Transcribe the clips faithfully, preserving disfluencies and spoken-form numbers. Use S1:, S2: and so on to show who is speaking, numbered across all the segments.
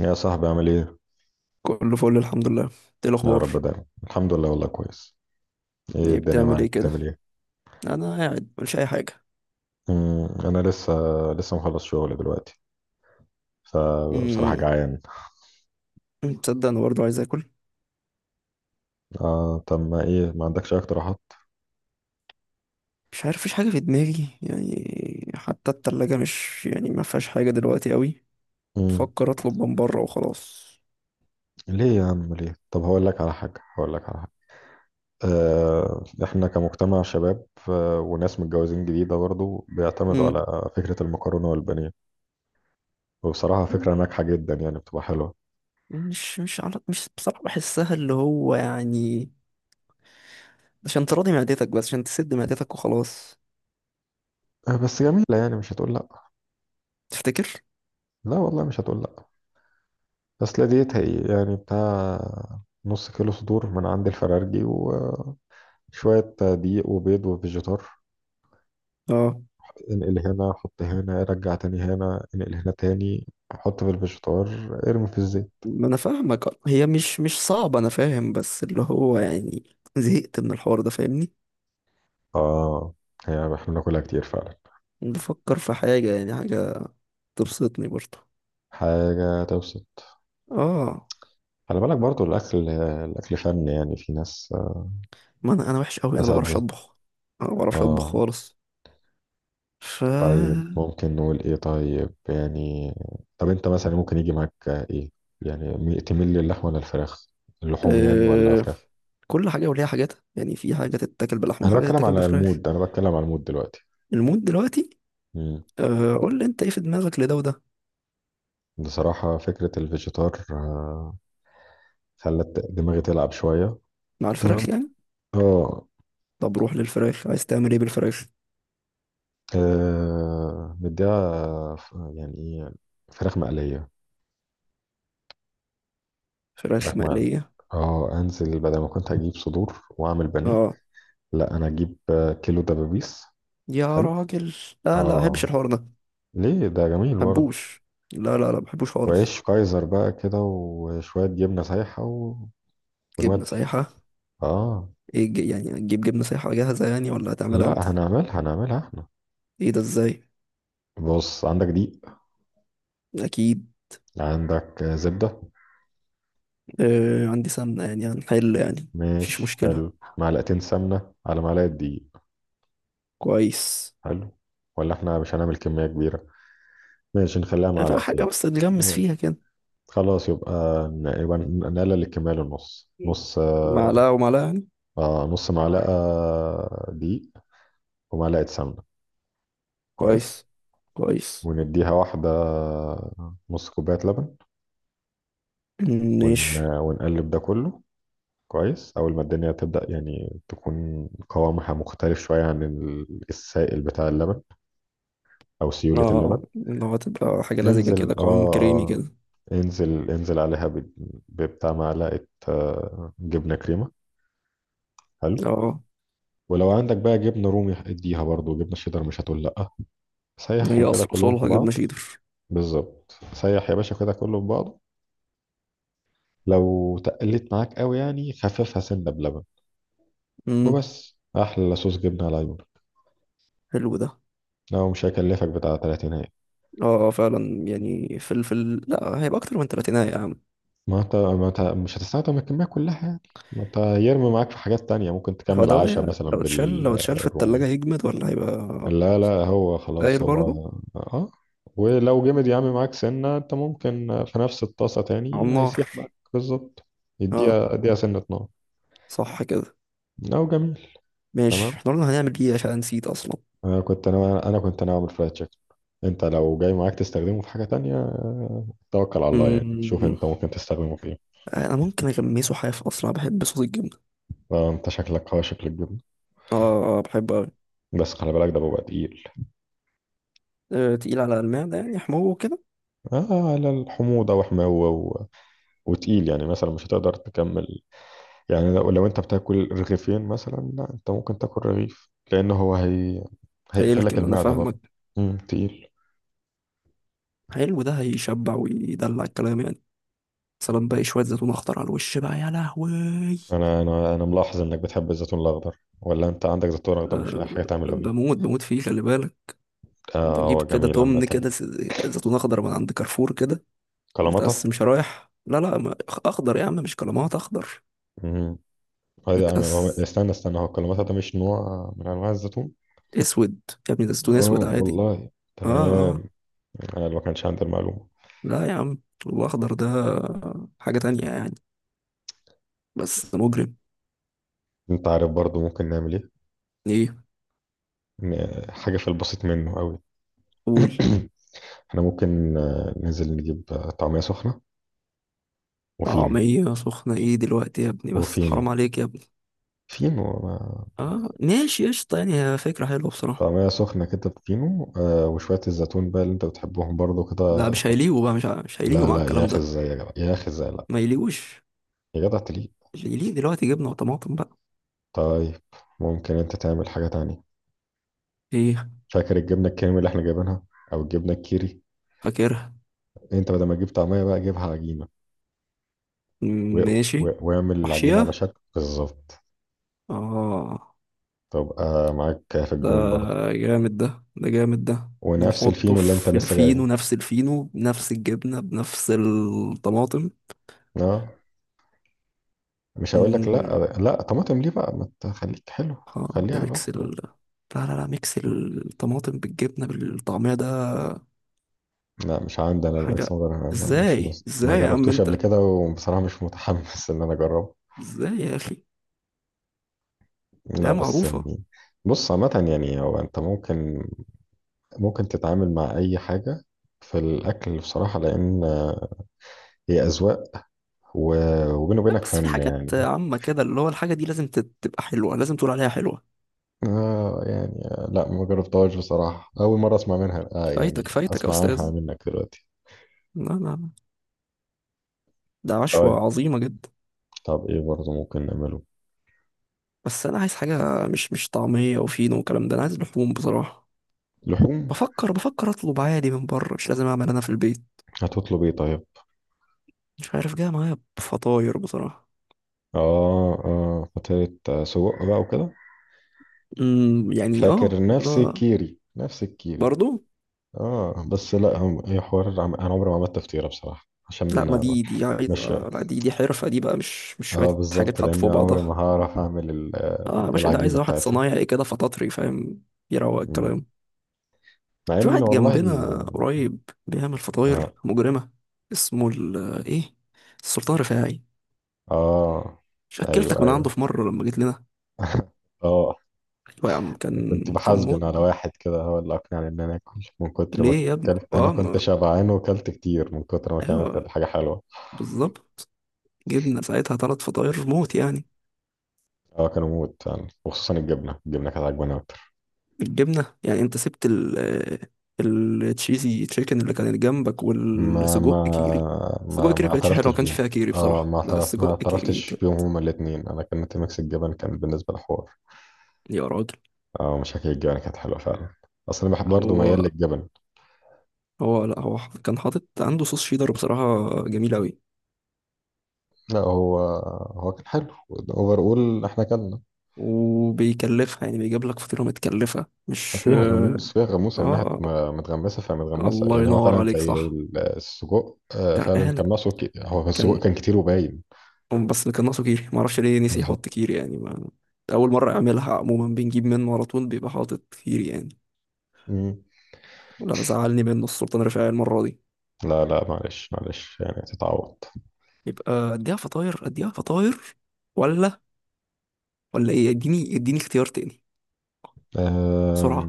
S1: يا صاحبي عامل ايه؟
S2: كله فل الحمد لله. ايه
S1: يا
S2: الاخبار؟
S1: رب دايما، الحمد لله والله كويس. ايه
S2: يعني
S1: الدنيا
S2: بتعمل
S1: معاك
S2: ايه كده.
S1: بتعمل ايه؟
S2: انا قاعد مش اي حاجه.
S1: مم، انا لسه لسه مخلص شغل دلوقتي، فبصراحة
S2: امم
S1: جعان.
S2: تصدق انا برضه عايز اكل.
S1: آه، طب ما ايه، ما عندكش اي اقتراحات؟
S2: مش عارف، مفيش حاجه في دماغي يعني. حتى التلاجة مش يعني، ما فيهاش حاجه دلوقتي قوي.
S1: مم،
S2: بفكر اطلب من بره وخلاص.
S1: ليه يا عم ليه؟ طب هقول لك على حاجة، هقول لك على حاجة. آه، احنا كمجتمع شباب آه وناس متجوزين جديدة برضه بيعتمدوا
S2: امم
S1: على فكرة المكرونة والبانيه. وبصراحة فكرة ناجحة جدا، يعني بتبقى حلوة.
S2: مش مش على مش بصراحه بحسها اللي هو يعني عشان تراضي معدتك، بس عشان تسد معدتك وخلاص.
S1: آه بس جميلة، يعني مش هتقول لا.
S2: تفتكر؟
S1: لا والله، مش هتقول لا. بس لا، ديت هي يعني بتاع نص كيلو صدور من عند الفرارجي وشوية دقيق وبيض وفيجيتار.
S2: اه
S1: انقل هنا، حط هنا، رجع تاني هنا، انقل هنا تاني. حط في الفيجيتار، ارمي في الزيت.
S2: ما انا فاهمك، هي مش مش صعبه، انا فاهم، بس اللي هو يعني زهقت من الحوار ده، فاهمني.
S1: اه، هي احنا بناكلها كتير فعلا.
S2: بفكر في حاجة، يعني حاجة تبسطني برضه.
S1: حاجة تبسط.
S2: اه
S1: خلي بالك برضو، الأكل الأكل فن، يعني في ناس
S2: ما انا انا وحش قوي، انا ما بعرفش
S1: أساتذة.
S2: اطبخ. انا ما بعرفش اطبخ
S1: اه،
S2: خالص. ف
S1: طيب ممكن نقول ايه طيب يعني. طب انت مثلا، ممكن يجي معاك ايه؟ يعني مي- تميل للحم ولا الفراخ، اللحوم يعني ولا
S2: آه...
S1: فراخ؟
S2: كل حاجة وليها حاجاتها يعني. في حاجة تتاكل بلحمة
S1: انا
S2: وحاجة
S1: بتكلم
S2: تتاكل
S1: على
S2: بفراخ.
S1: المود، انا بتكلم على المود دلوقتي.
S2: المود دلوقتي؟
S1: مم.
S2: آه... قول لي انت ايه في دماغك، لده وده؟
S1: بصراحة فكرة الفيجيتار آه، خلت دماغي تلعب شوية.
S2: مع
S1: تمام.
S2: الفراخ يعني.
S1: اه.
S2: طب روح للفراخ، عايز تعمل ايه بالفراخ؟
S1: آه، مديها ف- يعني ايه، فراخ مقلية.
S2: فراخ
S1: فراخ مقلية.
S2: مقلية.
S1: اه، انزل بدل ما كنت هجيب صدور واعمل بانيه،
S2: اه.
S1: لا انا اجيب آه، كيلو دبابيس.
S2: يا
S1: حلو.
S2: راجل، لا لا، ما بحبش
S1: اه،
S2: الحوار ده ما
S1: ليه، ده جميل برضه.
S2: بحبوش. لا لا لا، ما بحبوش خالص.
S1: وعيش كايزر بقى كده وشوية جبنة سايحة و...
S2: جبنة
S1: ونودي.
S2: سايحة؟
S1: اه.
S2: ايه الج- يعني هتجيب جبنة سايحة جاهزة يعني، ولا هتعملها انت؟
S1: لا، هنعملها هنعملها احنا.
S2: ايه ده، ازاي؟
S1: بص عندك دقيق،
S2: اكيد.
S1: عندك زبدة.
S2: آه عندي سمنة، يعني هنحل يعني. مفيش
S1: ماشي
S2: مشكلة.
S1: حلو. معلقتين سمنة على معلقة دقيق.
S2: كويس.
S1: حلو. ولا احنا مش هنعمل كمية كبيرة، ماشي نخليها
S2: فيها حاجة
S1: معلقتين.
S2: بس تتغمس فيها
S1: ماشي،
S2: كده.
S1: خلاص يبقى، ن- يبقى نقلل الكمية للنص نص.
S2: معلقة ومعلقة يعني.
S1: آه نص معلقة دقيق ومعلقة سمنة. كويس.
S2: كويس. كويس.
S1: ونديها واحدة، نص كوباية لبن.
S2: ماشي.
S1: ون... ونقلب ده كله. كويس، أول ما الدنيا تبدأ يعني تكون قوامها مختلف شوية عن ال- السائل بتاع اللبن، أو سيولة
S2: اه
S1: اللبن.
S2: اللي هو تبقى حاجة لزجة
S1: انزل،
S2: كده، قوام كريمي
S1: آه
S2: كده.
S1: انزل انزل عليها ب- ببتاع معلقة آه، جبنة كريمة. حلو.
S2: اه
S1: ولو عندك بقى جبنة رومي اديها، برضو جبنة شيدر مش هتقول لأ.
S2: هي
S1: سيحهم كده
S2: اصل
S1: كلهم في
S2: اصولها جبنة
S1: بعض.
S2: شيدر.
S1: بالظبط، سيح يا باشا كده كله في بعضه. لو تقلت معاك قوي يعني، خففها سنة بلبن.
S2: امم
S1: وبس، احلى صوص جبنه على عيونك.
S2: حلو ده.
S1: لو مش هيكلفك بتاع تلاتين.
S2: اه فعلا، يعني فلفل، لا هيبقى اكتر من تلاتيناية يا عم.
S1: ما انت ما انت مش هتستخدم الكميه كلها يعني، ما انت هيرمي معاك في حاجات تانية، ممكن
S2: هو
S1: تكمل
S2: ده،
S1: عشاء
S2: هي
S1: مثلا
S2: لو اتشال، لو اتشال في
S1: بالرومي.
S2: التلاجة هيجمد ولا هيبقى
S1: لا لا، هو خلاص
S2: داير
S1: هو.
S2: برضه؟
S1: اه. ولو جمد يا عم معاك سنه، انت ممكن في نفس الطاسه
S2: على
S1: تاني
S2: النار.
S1: هيسيح معاك بالظبط.
S2: اه.
S1: يديها اديها سنه نار.
S2: صح كده.
S1: لو جميل.
S2: ماشي،
S1: تمام.
S2: احنا قلنا هنعمل ايه؟ عشان نسيت اصلا.
S1: انا كنت انا انا كنت انا اعمل فرايد تشيكن. انت لو جاي معاك تستخدمه في حاجه تانية آه، توكل على الله يعني، شوف
S2: مم.
S1: انت ممكن تستخدمه في.
S2: انا ممكن اغمسه حاف، اصلا بحب صوص الجبنة.
S1: آه، انت شكلك اه شكلك جبن.
S2: اه اه بحبه اوي.
S1: بس خلي بالك، ده بيبقى تقيل.
S2: آه، تقيل على المعدة يعني، حموه كده.
S1: اه، على الحموضه وحماوه و... وتقيل، يعني مثلا مش هتقدر تكمل. يعني لو, لو انت بتاكل رغيفين مثلا، لا انت ممكن تاكل رغيف، لان هو هي هيقفل لك
S2: هيلكم، انا
S1: المعده برضه.
S2: فاهمك.
S1: امم تقيل.
S2: حلو ده، هيشبع ويدلع الكلام يعني. سلام بقى، شوية زيتون اخضر على الوش بقى يا لهوي.
S1: انا انا انا ملاحظ انك بتحب الزيتون الاخضر، ولا انت عندك زيتون اخضر مش
S2: آه،
S1: لاقي حاجه تعمله بيه؟
S2: بموت بموت فيه، خلي بالك.
S1: اه،
S2: بجيب
S1: هو
S2: كده
S1: جميل
S2: تمن
S1: عامه.
S2: كده س- زيتون اخضر من عند كارفور كده. متقس،
S1: كلاماتا.
S2: مش رايح. لا لا ما- اخضر يا عم، مش كلمات، اخضر.
S1: امم هذا انا هو-
S2: متقس
S1: استنى استنى، هو الكلاماتا ده مش نوع من انواع الزيتون؟
S2: اسود؟ يا ابني ده زيتون
S1: اه،
S2: اسود عادي.
S1: والله.
S2: اه اه.
S1: تمام، انا اللي ما كانش عندي المعلومه.
S2: لا يا عم، الاخضر ده حاجة تانية يعني، بس مجرم.
S1: انت عارف برضو ممكن نعمل ايه؟
S2: ايه؟
S1: ن- حاجه في البسيط منه قوي.
S2: قول.
S1: احنا ممكن آه، ننزل نجيب آه، طعميه سخنه وفينو.
S2: طعمية سخنة ايه دلوقتي يا ابني؟ بس
S1: وفينو،
S2: حرام عليك يا ابني.
S1: فينو آه،
S2: اه ماشي، قشطة يعني، هي فكرة حلوة بصراحة.
S1: طعميه سخنه كده بفينو آه، وشويه الزيتون بقى اللي انت بتحبهم برضو كده.
S2: لا مش هيليقوا بقى، مش ه- مش هيليقوا
S1: لا
S2: مع
S1: لا يا
S2: الكلام
S1: اخي،
S2: ده.
S1: ازاي يا جدع، يا اخي ازاي، لا،
S2: ما يليقوش.
S1: يا جدع تليق.
S2: اللي يليق دلوقتي جبنة وطماطم بقى.
S1: طيب، ممكن انت تعمل حاجه تانية.
S2: ايه؟
S1: فاكر الجبنه الكريمي اللي احنا جايبينها، او الجبنه الكيري؟
S2: فاكرها.
S1: انت بدل ما تجيب طعميه بقى جيبها عجينه، و-
S2: ماشي.
S1: و- واعمل العجينه على
S2: وحشية.
S1: شكل بالظبط،
S2: اه
S1: تبقى معاك في
S2: ده
S1: الجون برضه.
S2: جامد ده، ده جامد ده.
S1: ونفس
S2: ونحطه
S1: الفينو اللي انت
S2: في
S1: لسه جايبه.
S2: الفينو، نفس الفينو، بنفس الجبنة، بنفس الطماطم.
S1: اه، مش هقول لك لا،
S2: مم.
S1: آه، لا طماطم ليه بقى، ما تخليك حلو.
S2: اه ده
S1: خليها
S2: ميكس
S1: لوحده
S2: ال...
S1: بقى.
S2: لا لا لا، ميكس الطماطم بالجبنة بالطعمية ده
S1: لا، مش عندي انا الماكس
S2: حاجة.
S1: موديل، انا ما- مش
S2: ازاي،
S1: مس... ما
S2: ازاي يا عم
S1: جربتوش قبل
S2: انت؟
S1: كده، وبصراحة مش متحمس ان انا اجربه.
S2: ازاي يا اخي،
S1: لا
S2: ده
S1: بس
S2: معروفة.
S1: يعني، بص عامة يعني هو، انت ممكن ممكن تتعامل مع اي حاجة في الاكل بصراحة، لان هي اذواق و... وبينه
S2: لا
S1: وبينك
S2: بس في
S1: فن
S2: حاجات
S1: يعني.
S2: عامة كده، اللي هو الحاجة دي لازم تت- تبقى حلوة، لازم تقول عليها حلوة.
S1: آه يعني، آه، لا ما جربتهاش بصراحة، أول مرة أسمع منها آه يعني
S2: فايتك، فايتك يا
S1: أسمع عنها
S2: استاذ.
S1: منك دلوقتي.
S2: لا لا لا. ده
S1: طيب.
S2: عشوة عظيمة جدا.
S1: طب إيه برضه ممكن نعمله؟
S2: بس انا عايز حاجه، مش مش طعميه وفينو والكلام ده، انا عايز لحوم بصراحه.
S1: لحوم.
S2: بفكر بفكر اطلب عادي من بره، مش لازم اعمل انا في البيت.
S1: هتطلب إيه طيب؟
S2: مش عارف، جاي معايا بفطاير بصراحه.
S1: آه آه فترة آه، سجق بقى وكده.
S2: امم يعني اه
S1: فاكر نفس
S2: لا.
S1: الكيري، نفس الكيري.
S2: برضو.
S1: آه بس لا، هم- هي حوار، عم- أنا عمري ما عملت تفطيرة بصراحة،
S2: لا
S1: عشان
S2: ما
S1: آه،
S2: دي، دي
S1: مش.
S2: عايزه، لا دي دي حرفه دي بقى، مش مش شويه
S1: اه
S2: حاجات
S1: بالظبط،
S2: حاطه
S1: لأن
S2: في
S1: عمري ما
S2: بعضها.
S1: هعرف أعمل ال- آه،
S2: اه يا باشا، ده عايز
S1: العجينة
S2: واحد
S1: بتاعتها.
S2: صنايعي كده، فطاطري، فاهم، يروق
S1: مم.
S2: الكلام.
S1: مع
S2: في
S1: إن
S2: واحد
S1: والله.
S2: جنبنا قريب بيعمل فطاير
S1: اه
S2: مجرمه. اسمه ال، ايه، السلطان رفاعي.
S1: اه.
S2: شكلتك
S1: ايوه
S2: من عنده
S1: ايوه.
S2: في مره لما جيت لنا.
S1: اه،
S2: هو يا عم كان،
S1: كنت
S2: كان موت
S1: بحاسبن على
S2: بقى.
S1: واحد كده هو اللي أقنعني إن أنا آكل. من كتر ما
S2: ليه يا ابني،
S1: أكلت، أنا
S2: اه
S1: كنت
S2: ما...
S1: شبعان وأكلت كتير من كتر ما كانت
S2: ايوه،
S1: الحاجة حلوة.
S2: بالظبط. جبنا ساعتها ثلاث فطاير موت يعني.
S1: أه، كانوا موت يعني، وخصوصا الجبنة الجبنة كانت عجباني أكتر.
S2: الجبنه يعني انت سبت ال التشيزي تشيكن اللي كانت جنبك
S1: ما ما
S2: والسجق كيري. السجق
S1: ما
S2: كيري
S1: ما
S2: كانتش حلوه، ما
S1: اعترفتش
S2: كانش
S1: بيها.
S2: فيها كيري
S1: اه، ما
S2: بصراحه، لا
S1: اعترفت ما
S2: السجق كيري
S1: اعترفتش
S2: كان،
S1: بيهم هما الاتنين. أنا كانت ميكس الجبن كان بالنسبة لحوار.
S2: يا راجل.
S1: اه، مش هكيك، الجبن كانت حلوة فعلا. أصل أنا بحب برضه،
S2: هو
S1: ميال للجبن.
S2: هو لا هو كان حاطط عنده صوص شيدر بصراحه جميل قوي.
S1: لا هو هو كان حلو أوفر. أول إحنا كنا
S2: وبيكلفها يعني، بيجيب لك فطيره متكلفه، مش
S1: فيها
S2: اه.
S1: غموس، فيها غموس يعني، من ناحية
S2: آه،
S1: ما- متغمسة، فمتغمسة
S2: الله
S1: يعني، هو
S2: ينور
S1: فعلا
S2: عليك،
S1: زي
S2: صح،
S1: ال- السجق، آه، فعلا
S2: غرقانة
S1: كان ناقصه ك- هو السجق
S2: كان.
S1: كان كتير وباين.
S2: بس كان ناقصه كيري، ما اعرفش ليه نسي يحط
S1: بالظبط.
S2: كيري يعني، ما، اول مره يعملها. عموما بنجيب منه على طول بيبقى حاطط كيري يعني.
S1: مم.
S2: لا زعلني منه السلطان رفاعي المره دي.
S1: لا لا، معلش معلش يعني تتعوض.
S2: يبقى اديها فطاير، اديها فطاير، ولا، ولا ايه؟ اديني اديني اختيار تاني،
S1: آم،
S2: بسرعه.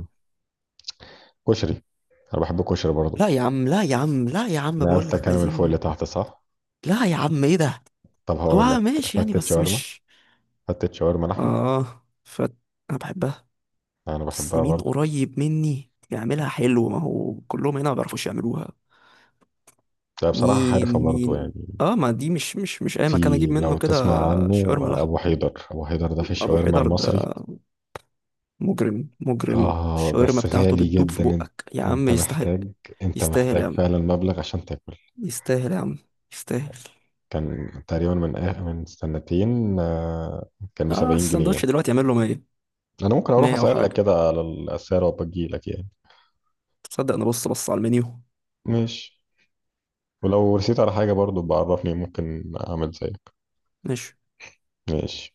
S1: كشري. أنا بحب الكشري برضه.
S2: لا يا عم، لا يا عم، لا يا عم، بقول
S1: نقلتك
S2: لك
S1: أنا من فوق
S2: عايزين.
S1: لتحت، صح؟
S2: لا يا عم، ايه ده؟
S1: طب هقول
S2: هو
S1: لك،
S2: ماشي يعني،
S1: فتة
S2: بس
S1: شاورما،
S2: مش.
S1: فتة شاورما لحمة.
S2: اه فت، انا بحبها.
S1: أنا
S2: بس
S1: بحبها
S2: مين
S1: برضه.
S2: قريب مني يعملها حلو؟ ما هو كلهم هنا ما بيعرفوش يعملوها.
S1: لا بصراحة حارفة
S2: مين؟
S1: برضه يعني.
S2: مين؟ اه ما دي، مش مش مش اي مكان اجيب
S1: في،
S2: منه
S1: لو
S2: كده.
S1: تسمع عنه،
S2: شاورما
S1: آه،
S2: لحم.
S1: أبو حيدر، أبو حيدر ده في
S2: ابو
S1: الشاورما
S2: حيدر
S1: المصري.
S2: ده مجرم، مجرم
S1: اه
S2: الشاورما
S1: بس
S2: بتاعته،
S1: غالي
S2: بتدوب في
S1: جدا انت،
S2: بقك يا عم،
S1: انت
S2: يستحق.
S1: محتاج انت
S2: يستاهل يا
S1: محتاج
S2: عم،
S1: فعلا مبلغ عشان تاكل.
S2: يستاهل يا عم، يستاهل.
S1: كان تقريبا من آه من سنتين، آه، كان ب
S2: اه
S1: 70
S2: السندوتش
S1: جنيه
S2: دلوقتي يعمل له مية.
S1: انا ممكن اروح
S2: مية
S1: اسالك
S2: وحاجه.
S1: كده على الاسعار وابجي لك يعني.
S2: تصدق انا بص، بص على المنيو.
S1: ماشي. ولو رسيت على حاجه برضو بعرفني، ممكن اعمل زيك.
S2: ماشي.
S1: ماشي.